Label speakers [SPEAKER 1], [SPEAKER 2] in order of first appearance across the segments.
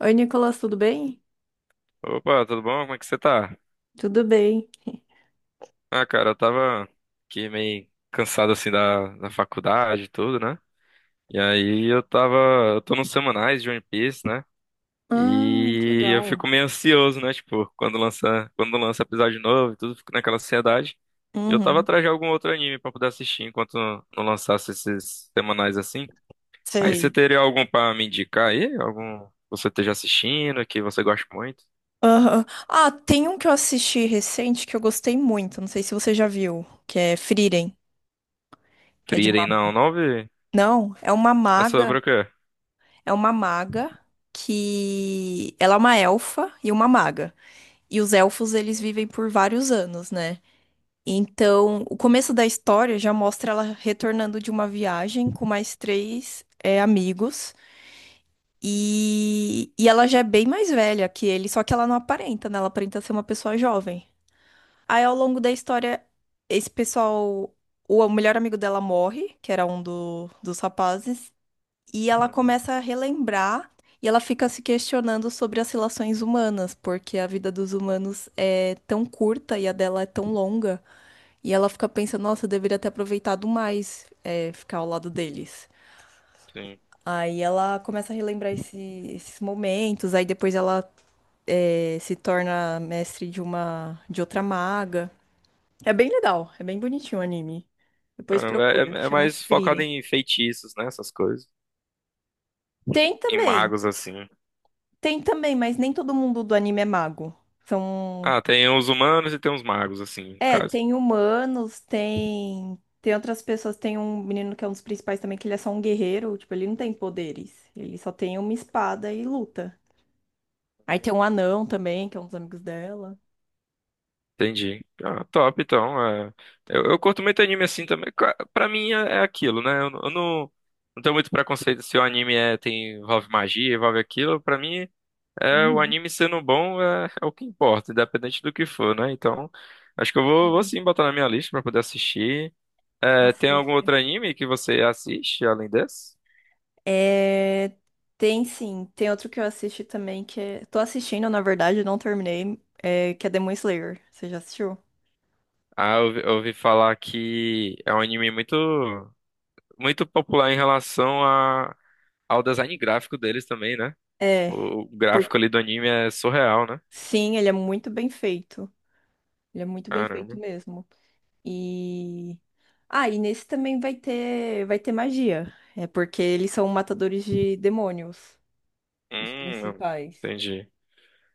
[SPEAKER 1] Oi, Nicolas, tudo bem?
[SPEAKER 2] Opa, tudo bom? Como é que você tá?
[SPEAKER 1] Tudo bem.
[SPEAKER 2] Ah, cara, eu tava aqui meio cansado assim da faculdade e tudo, né? E aí eu tava. Eu tô nos semanais de One Piece, né?
[SPEAKER 1] Ah, que
[SPEAKER 2] E eu fico
[SPEAKER 1] legal.
[SPEAKER 2] meio ansioso, né? Tipo, quando lança episódio novo e tudo, fico naquela ansiedade. E eu tava
[SPEAKER 1] Uhum,
[SPEAKER 2] atrás de algum outro anime pra poder assistir enquanto não lançasse esses semanais assim. Aí você
[SPEAKER 1] sei.
[SPEAKER 2] teria algum pra me indicar aí? Algum que você esteja assistindo, que você goste muito?
[SPEAKER 1] Aham. Ah, tem um que eu assisti recente que eu gostei muito, não sei se você já viu, que é Frieren, que é de uma...
[SPEAKER 2] Frieren não vi.
[SPEAKER 1] Não,
[SPEAKER 2] É sobre o quê?
[SPEAKER 1] é uma maga que... Ela é uma elfa e uma maga. E os elfos, eles vivem por vários anos, né? Então, o começo da história já mostra ela retornando de uma viagem com mais três, amigos. E ela já é bem mais velha que ele, só que ela não aparenta, né? Ela aparenta ser uma pessoa jovem. Aí, ao longo da história, esse pessoal, o melhor amigo dela morre, que era dos rapazes, e ela começa a relembrar e ela fica se questionando sobre as relações humanas, porque a vida dos humanos é tão curta e a dela é tão longa. E ela fica pensando, nossa, eu deveria ter aproveitado mais, ficar ao lado deles.
[SPEAKER 2] Sim.
[SPEAKER 1] Aí ela começa a relembrar esses momentos, aí depois ela, se torna mestre de uma, de outra maga. É bem legal, é bem bonitinho o anime. Depois
[SPEAKER 2] Caramba,
[SPEAKER 1] procura,
[SPEAKER 2] é
[SPEAKER 1] chama
[SPEAKER 2] mais focado
[SPEAKER 1] Frieren.
[SPEAKER 2] em feitiços, né? Essas coisas.
[SPEAKER 1] Tem
[SPEAKER 2] Em
[SPEAKER 1] também.
[SPEAKER 2] magos, assim.
[SPEAKER 1] Tem também, mas nem todo mundo do anime é mago. São.
[SPEAKER 2] Ah, tem os humanos e tem os magos, assim, no
[SPEAKER 1] É,
[SPEAKER 2] caso.
[SPEAKER 1] tem humanos, tem. Tem outras pessoas, tem um menino que é um dos principais também, que ele é só um guerreiro, tipo, ele não tem poderes. Ele só tem uma espada e luta. Aí tem um
[SPEAKER 2] Hum.
[SPEAKER 1] anão também, que é um dos amigos dela.
[SPEAKER 2] Entendi. Ah, top, então. Eu curto muito anime assim também. Pra mim é aquilo, né? Eu não não tenho muito preconceito se o anime envolve magia, envolve aquilo. Pra mim, o
[SPEAKER 1] Uhum,
[SPEAKER 2] anime sendo bom é o que importa, independente do que for, né? Então, acho que vou
[SPEAKER 1] sim,
[SPEAKER 2] sim botar na minha lista pra poder assistir. É, tem algum
[SPEAKER 1] assiste.
[SPEAKER 2] outro anime que você assiste além desse?
[SPEAKER 1] É, tem sim, tem outro que eu assisti também, que é... Tô assistindo, na verdade, não terminei, é... que é Demon Slayer. Você já assistiu?
[SPEAKER 2] Ah, eu ouvi falar que é um anime muito popular em relação a, ao design gráfico deles também, né?
[SPEAKER 1] É,
[SPEAKER 2] O
[SPEAKER 1] por...
[SPEAKER 2] gráfico ali do anime é surreal, né?
[SPEAKER 1] sim, ele é muito bem feito. Ele é muito bem feito
[SPEAKER 2] Caramba.
[SPEAKER 1] mesmo. E e nesse também vai ter magia. É porque eles são matadores de demônios, os
[SPEAKER 2] Hum,
[SPEAKER 1] principais.
[SPEAKER 2] entendi.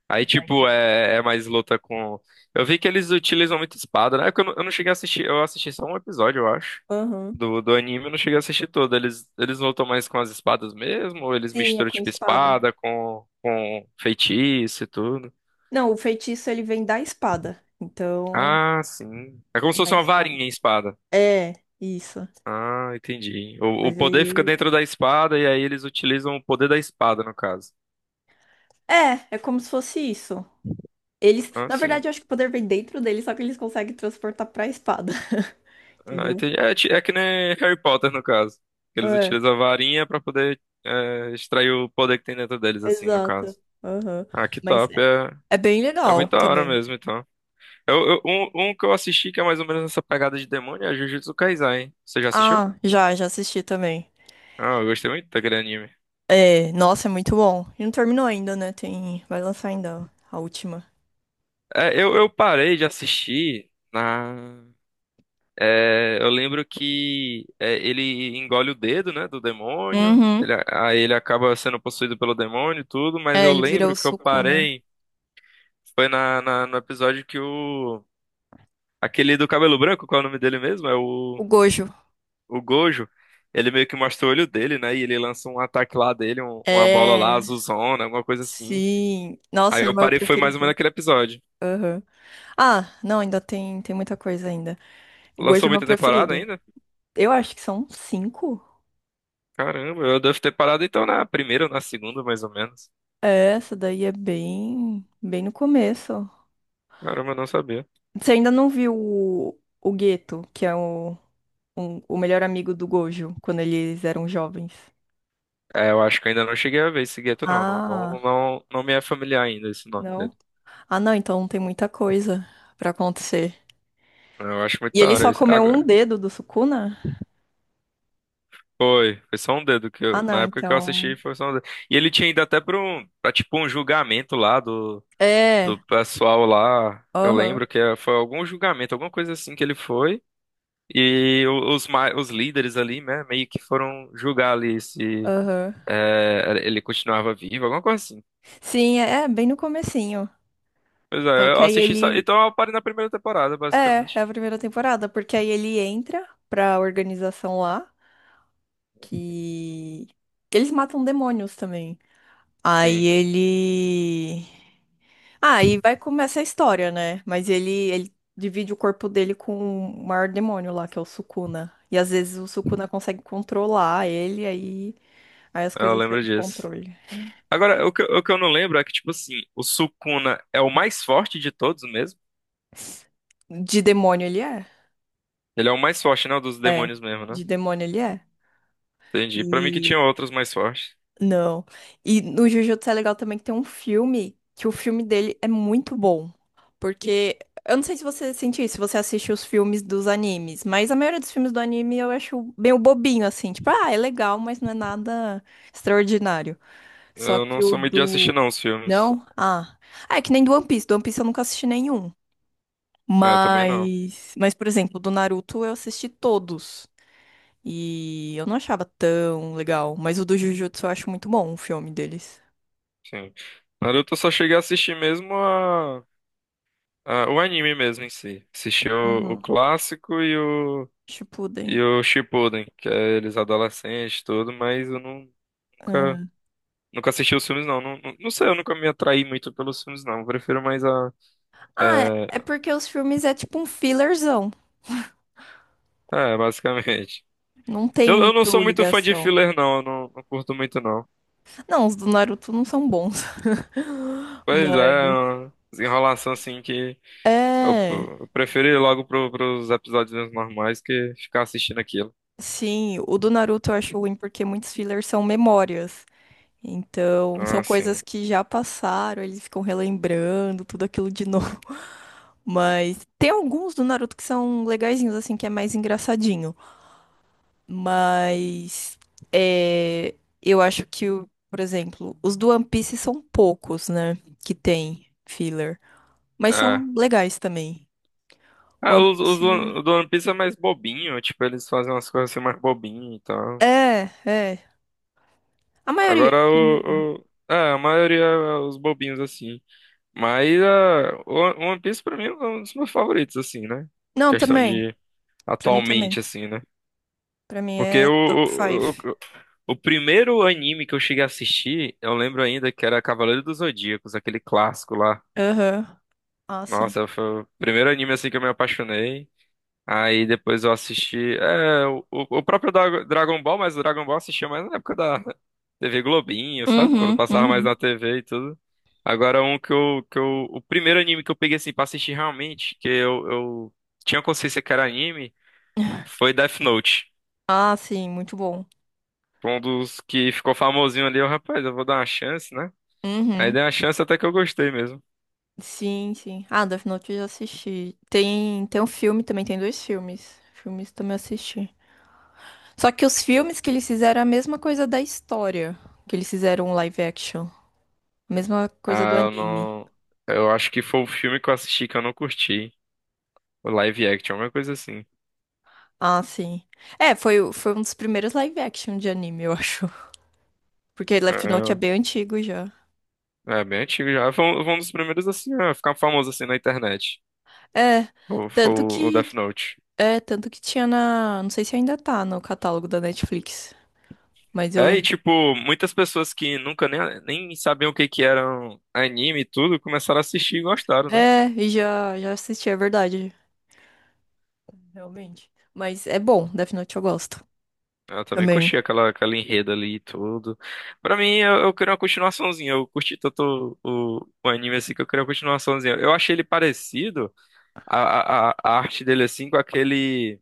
[SPEAKER 2] Aí,
[SPEAKER 1] Vai-
[SPEAKER 2] tipo, é mais luta com. Eu vi que eles utilizam muito espada, né? É que eu não cheguei a assistir, eu assisti só um episódio, eu acho.
[SPEAKER 1] Aham.
[SPEAKER 2] Do anime, eu não cheguei a assistir todo. Eles lutam mais com as espadas mesmo? Ou eles
[SPEAKER 1] Sim, é
[SPEAKER 2] misturam,
[SPEAKER 1] com
[SPEAKER 2] tipo,
[SPEAKER 1] espada.
[SPEAKER 2] espada com feitiço e tudo?
[SPEAKER 1] Não, o feitiço ele vem da espada. Então,
[SPEAKER 2] Ah, sim. É como se
[SPEAKER 1] da
[SPEAKER 2] fosse uma
[SPEAKER 1] espada.
[SPEAKER 2] varinha em espada.
[SPEAKER 1] É, isso.
[SPEAKER 2] Ah, entendi. O
[SPEAKER 1] Mas
[SPEAKER 2] poder fica
[SPEAKER 1] ele
[SPEAKER 2] dentro da espada e aí eles utilizam o poder da espada, no caso.
[SPEAKER 1] é como se fosse isso. Eles,
[SPEAKER 2] Ah,
[SPEAKER 1] na
[SPEAKER 2] sim.
[SPEAKER 1] verdade, eu acho que o poder vem dentro deles, só que eles conseguem transportar pra espada.
[SPEAKER 2] Ah,
[SPEAKER 1] Entendeu?
[SPEAKER 2] entendi. É que nem Harry Potter, no caso. Eles utilizam a varinha pra poder extrair o poder que tem dentro deles, assim, no
[SPEAKER 1] Exato.
[SPEAKER 2] caso.
[SPEAKER 1] Aham.
[SPEAKER 2] Ah, que
[SPEAKER 1] Mas
[SPEAKER 2] top.
[SPEAKER 1] é,
[SPEAKER 2] É,
[SPEAKER 1] é bem
[SPEAKER 2] é
[SPEAKER 1] legal
[SPEAKER 2] muito da hora
[SPEAKER 1] também.
[SPEAKER 2] mesmo, então. Um que eu assisti que é mais ou menos essa pegada de demônio é Jujutsu Kaisen, hein? Você já assistiu?
[SPEAKER 1] Ah, já, já assisti também.
[SPEAKER 2] Ah, eu gostei muito daquele anime.
[SPEAKER 1] É, nossa, é muito bom. E não terminou ainda, né? Tem, vai lançar ainda a última.
[SPEAKER 2] Eu parei de assistir na. É, eu lembro que ele engole o dedo, né, do demônio.
[SPEAKER 1] Uhum.
[SPEAKER 2] Ele acaba sendo possuído pelo demônio e tudo, mas
[SPEAKER 1] É,
[SPEAKER 2] eu
[SPEAKER 1] ele vira o
[SPEAKER 2] lembro que eu
[SPEAKER 1] suco, né?
[SPEAKER 2] parei. No episódio que o. Aquele do cabelo branco, qual é o nome dele mesmo?
[SPEAKER 1] O Gojo.
[SPEAKER 2] O Gojo. Ele meio que mostra o olho dele, né? E ele lança um ataque lá dele, uma bola lá,
[SPEAKER 1] É,
[SPEAKER 2] azulzona, alguma coisa assim.
[SPEAKER 1] sim. Nossa,
[SPEAKER 2] Aí
[SPEAKER 1] ele
[SPEAKER 2] eu
[SPEAKER 1] é meu
[SPEAKER 2] parei, foi mais ou menos
[SPEAKER 1] preferido.
[SPEAKER 2] aquele episódio.
[SPEAKER 1] Aham. Ah, não, ainda tem, tem muita coisa ainda. O
[SPEAKER 2] Lançou
[SPEAKER 1] Gojo é meu
[SPEAKER 2] muita temporada
[SPEAKER 1] preferido.
[SPEAKER 2] ainda?
[SPEAKER 1] Eu acho que são cinco.
[SPEAKER 2] Caramba, eu devo ter parado então na primeira ou na segunda, mais ou menos.
[SPEAKER 1] É, essa daí é bem, bem no começo.
[SPEAKER 2] Caramba, eu não sabia.
[SPEAKER 1] Você ainda não viu o Geto, que é o, o melhor amigo do Gojo, quando eles eram jovens?
[SPEAKER 2] É, eu acho que eu ainda não cheguei a ver esse gueto, não.
[SPEAKER 1] Ah,
[SPEAKER 2] Não me é familiar ainda esse nome dele.
[SPEAKER 1] não? Ah, não, então tem muita coisa pra acontecer.
[SPEAKER 2] Eu acho muito
[SPEAKER 1] E
[SPEAKER 2] da
[SPEAKER 1] ele
[SPEAKER 2] hora
[SPEAKER 1] só
[SPEAKER 2] isso.
[SPEAKER 1] comeu um
[SPEAKER 2] Agora,
[SPEAKER 1] dedo do Sukuna?
[SPEAKER 2] foi, foi só um dedo que
[SPEAKER 1] Ah,
[SPEAKER 2] eu,
[SPEAKER 1] não,
[SPEAKER 2] na época que eu assisti,
[SPEAKER 1] então.
[SPEAKER 2] foi só um dedo. E ele tinha ido até pra, tipo um julgamento lá
[SPEAKER 1] É,
[SPEAKER 2] do pessoal lá. Eu
[SPEAKER 1] aham,
[SPEAKER 2] lembro que foi algum julgamento, alguma coisa assim que ele foi. E os líderes ali, né, meio que foram julgar ali se
[SPEAKER 1] aham.
[SPEAKER 2] ele continuava vivo, alguma coisa assim.
[SPEAKER 1] Sim, é, é bem no comecinho.
[SPEAKER 2] Pois
[SPEAKER 1] Só
[SPEAKER 2] é,
[SPEAKER 1] que
[SPEAKER 2] eu
[SPEAKER 1] aí
[SPEAKER 2] assisti só.
[SPEAKER 1] ele.
[SPEAKER 2] Então eu parei na primeira temporada,
[SPEAKER 1] É, é
[SPEAKER 2] basicamente.
[SPEAKER 1] a primeira temporada, porque aí ele entra pra organização lá, que. Eles matam demônios também. Aí
[SPEAKER 2] Sim.
[SPEAKER 1] ele. Ah, e vai começar a história, né? Mas ele, divide o corpo dele com o maior demônio lá, que é o Sukuna. E às vezes o Sukuna consegue controlar ele, aí, aí as
[SPEAKER 2] Eu
[SPEAKER 1] coisas saem
[SPEAKER 2] lembro
[SPEAKER 1] do
[SPEAKER 2] disso.
[SPEAKER 1] controle.
[SPEAKER 2] Agora, o que eu não lembro é que, tipo assim, o Sukuna é o mais forte de todos mesmo?
[SPEAKER 1] De demônio ele é?
[SPEAKER 2] Ele é o mais forte, não, dos
[SPEAKER 1] É,
[SPEAKER 2] demônios mesmo,
[SPEAKER 1] de
[SPEAKER 2] né?
[SPEAKER 1] demônio ele é.
[SPEAKER 2] Entendi. Pra mim que tinha outros mais fortes.
[SPEAKER 1] Não. E no Jujutsu é legal também que tem um filme, que o filme dele é muito bom. Porque, eu não sei se você sentiu isso, se você assiste os filmes dos animes, mas a maioria dos filmes do anime eu acho meio bobinho, assim. Tipo, ah, é legal, mas não é nada extraordinário. Só
[SPEAKER 2] Eu
[SPEAKER 1] que
[SPEAKER 2] não
[SPEAKER 1] o
[SPEAKER 2] sou muito de assistir,
[SPEAKER 1] do...
[SPEAKER 2] não, os filmes.
[SPEAKER 1] Não? Ah. Ah, é que nem do One Piece. Do One Piece eu nunca assisti nenhum.
[SPEAKER 2] É, eu também não.
[SPEAKER 1] Mas, por exemplo, do Naruto eu assisti todos. E eu não achava tão legal, mas o do Jujutsu eu acho muito bom, o filme deles.
[SPEAKER 2] Sim. Naruto eu só cheguei a assistir mesmo a, o anime mesmo em si. Assisti o
[SPEAKER 1] Uhum.
[SPEAKER 2] clássico e
[SPEAKER 1] Shippuden.
[SPEAKER 2] o Shippuden, que é eles adolescentes e tudo, mas eu não, nunca,
[SPEAKER 1] Ah,
[SPEAKER 2] nunca assisti os filmes, não. Não sei, eu nunca me atraí muito pelos filmes, não. Eu prefiro mais a
[SPEAKER 1] Ah,
[SPEAKER 2] é,
[SPEAKER 1] é é porque os filmes é tipo um fillerzão.
[SPEAKER 2] é, basicamente.
[SPEAKER 1] Não tem
[SPEAKER 2] Eu não sou
[SPEAKER 1] muito
[SPEAKER 2] muito fã de
[SPEAKER 1] ligação.
[SPEAKER 2] filler, não. Eu não, não curto muito, não.
[SPEAKER 1] Não, os do Naruto não são bons.
[SPEAKER 2] Pois é, é
[SPEAKER 1] Mas.
[SPEAKER 2] uma desenrolação assim que eu,
[SPEAKER 1] É.
[SPEAKER 2] eu prefiro ir logo pros episódios normais que ficar assistindo aquilo.
[SPEAKER 1] Sim, o do Naruto eu acho ruim porque muitos fillers são memórias. Então,
[SPEAKER 2] Ah,
[SPEAKER 1] são coisas
[SPEAKER 2] sim.
[SPEAKER 1] que já passaram, eles ficam relembrando tudo aquilo de novo. Mas tem alguns do Naruto que são legaizinhos, assim, que é mais engraçadinho. Mas é, eu acho que, o- por exemplo, os do One Piece são poucos, né? Que tem filler. Mas
[SPEAKER 2] É.
[SPEAKER 1] são legais também. O
[SPEAKER 2] Ah,
[SPEAKER 1] One Piece.
[SPEAKER 2] o do One Piece é mais bobinho, tipo, eles fazem umas coisas assim mais bobinho e tal.
[SPEAKER 1] É, é. A maioria.
[SPEAKER 2] É, a maioria é os bobinhos assim. Mas ah, o One Piece pra mim é um dos meus favoritos, assim, né?
[SPEAKER 1] Não,
[SPEAKER 2] Questão
[SPEAKER 1] também.
[SPEAKER 2] de
[SPEAKER 1] Pra mim
[SPEAKER 2] atualmente,
[SPEAKER 1] também.
[SPEAKER 2] assim, né?
[SPEAKER 1] Pra mim
[SPEAKER 2] Porque
[SPEAKER 1] é top 5.
[SPEAKER 2] o primeiro anime que eu cheguei a assistir, eu lembro ainda que era Cavaleiro dos Zodíacos, aquele clássico lá.
[SPEAKER 1] Aham. Ah, sim.
[SPEAKER 2] Nossa, foi o primeiro anime assim que eu me apaixonei. Aí depois eu assisti. O próprio Dragon Ball, mas o Dragon Ball eu assistia mais na época da TV Globinho, sabe? Quando
[SPEAKER 1] Uhum,
[SPEAKER 2] passava mais na
[SPEAKER 1] uhum.
[SPEAKER 2] TV e tudo. Agora um que eu, que eu. O primeiro anime que eu peguei assim pra assistir realmente, que eu tinha consciência que era anime, foi Death Note.
[SPEAKER 1] Ah, sim, muito bom.
[SPEAKER 2] Um dos que ficou famosinho ali, eu, rapaz, eu vou dar uma chance, né? Aí
[SPEAKER 1] Uhum.
[SPEAKER 2] dei uma chance até que eu gostei mesmo.
[SPEAKER 1] Sim, sim. Ah, Death Note eu já assisti. Tem, tem um filme também, tem dois filmes. Filmes também assisti. Só que os filmes que eles fizeram é a mesma coisa da história, que eles fizeram um live action, a mesma coisa
[SPEAKER 2] Ah,
[SPEAKER 1] do
[SPEAKER 2] eu
[SPEAKER 1] anime.
[SPEAKER 2] não. Eu acho que foi o filme que eu assisti que eu não curti. O live action, alguma coisa assim.
[SPEAKER 1] Ah, sim. É, foi, foi um dos primeiros live action de anime, eu acho. Porque Left Note é
[SPEAKER 2] É,
[SPEAKER 1] bem antigo já.
[SPEAKER 2] é é bem antigo já. Foi um dos primeiros assim, a ficar famoso assim na internet.
[SPEAKER 1] É,
[SPEAKER 2] Foi, foi
[SPEAKER 1] tanto
[SPEAKER 2] o
[SPEAKER 1] que
[SPEAKER 2] Death Note.
[SPEAKER 1] tanto que tinha na, não sei se ainda tá no catálogo da Netflix, mas eu
[SPEAKER 2] É, e
[SPEAKER 1] lembro.
[SPEAKER 2] tipo, muitas pessoas que nunca nem, nem sabiam o que que eram anime e tudo, começaram a assistir e gostaram, né?
[SPEAKER 1] É, já já assisti, é verdade, realmente. Mas é bom, Death Note eu gosto
[SPEAKER 2] Eu também curti
[SPEAKER 1] também.
[SPEAKER 2] aquela enredo ali e tudo. Pra mim, eu queria uma continuaçãozinha. Eu curti tanto o anime assim que eu queria uma continuaçãozinha. Eu achei ele parecido, a arte dele assim, com aquele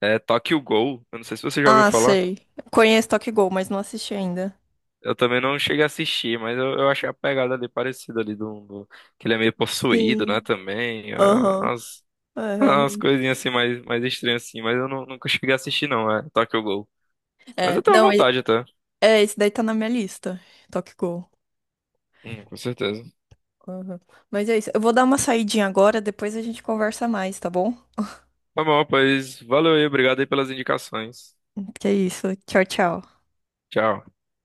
[SPEAKER 2] Tokyo Ghoul. Eu não sei se você já ouviu
[SPEAKER 1] Ah,
[SPEAKER 2] falar.
[SPEAKER 1] sei. Conheço Tokyo Ghoul, mas não assisti ainda.
[SPEAKER 2] Eu também não cheguei a assistir, mas eu achei a pegada ali parecida ali que ele é meio possuído, né,
[SPEAKER 1] Sim.
[SPEAKER 2] também.
[SPEAKER 1] Aham.
[SPEAKER 2] Ah,
[SPEAKER 1] É,
[SPEAKER 2] as
[SPEAKER 1] realmente.
[SPEAKER 2] coisinhas assim mais estranhas assim, mas eu não- nunca cheguei a assistir não, é Tokyo Ghoul. Mas eu
[SPEAKER 1] É,
[SPEAKER 2] tenho
[SPEAKER 1] não,
[SPEAKER 2] vontade até.
[SPEAKER 1] é, esse daí tá na minha lista. Tokyo Ghoul.
[SPEAKER 2] Com certeza.
[SPEAKER 1] Aham. Mas é isso. Eu vou dar uma saidinha agora, depois a gente conversa mais, tá bom?
[SPEAKER 2] Tá bom, pois valeu aí, obrigado aí pelas indicações.
[SPEAKER 1] Que é isso. Tchau, tchau.
[SPEAKER 2] Tchau.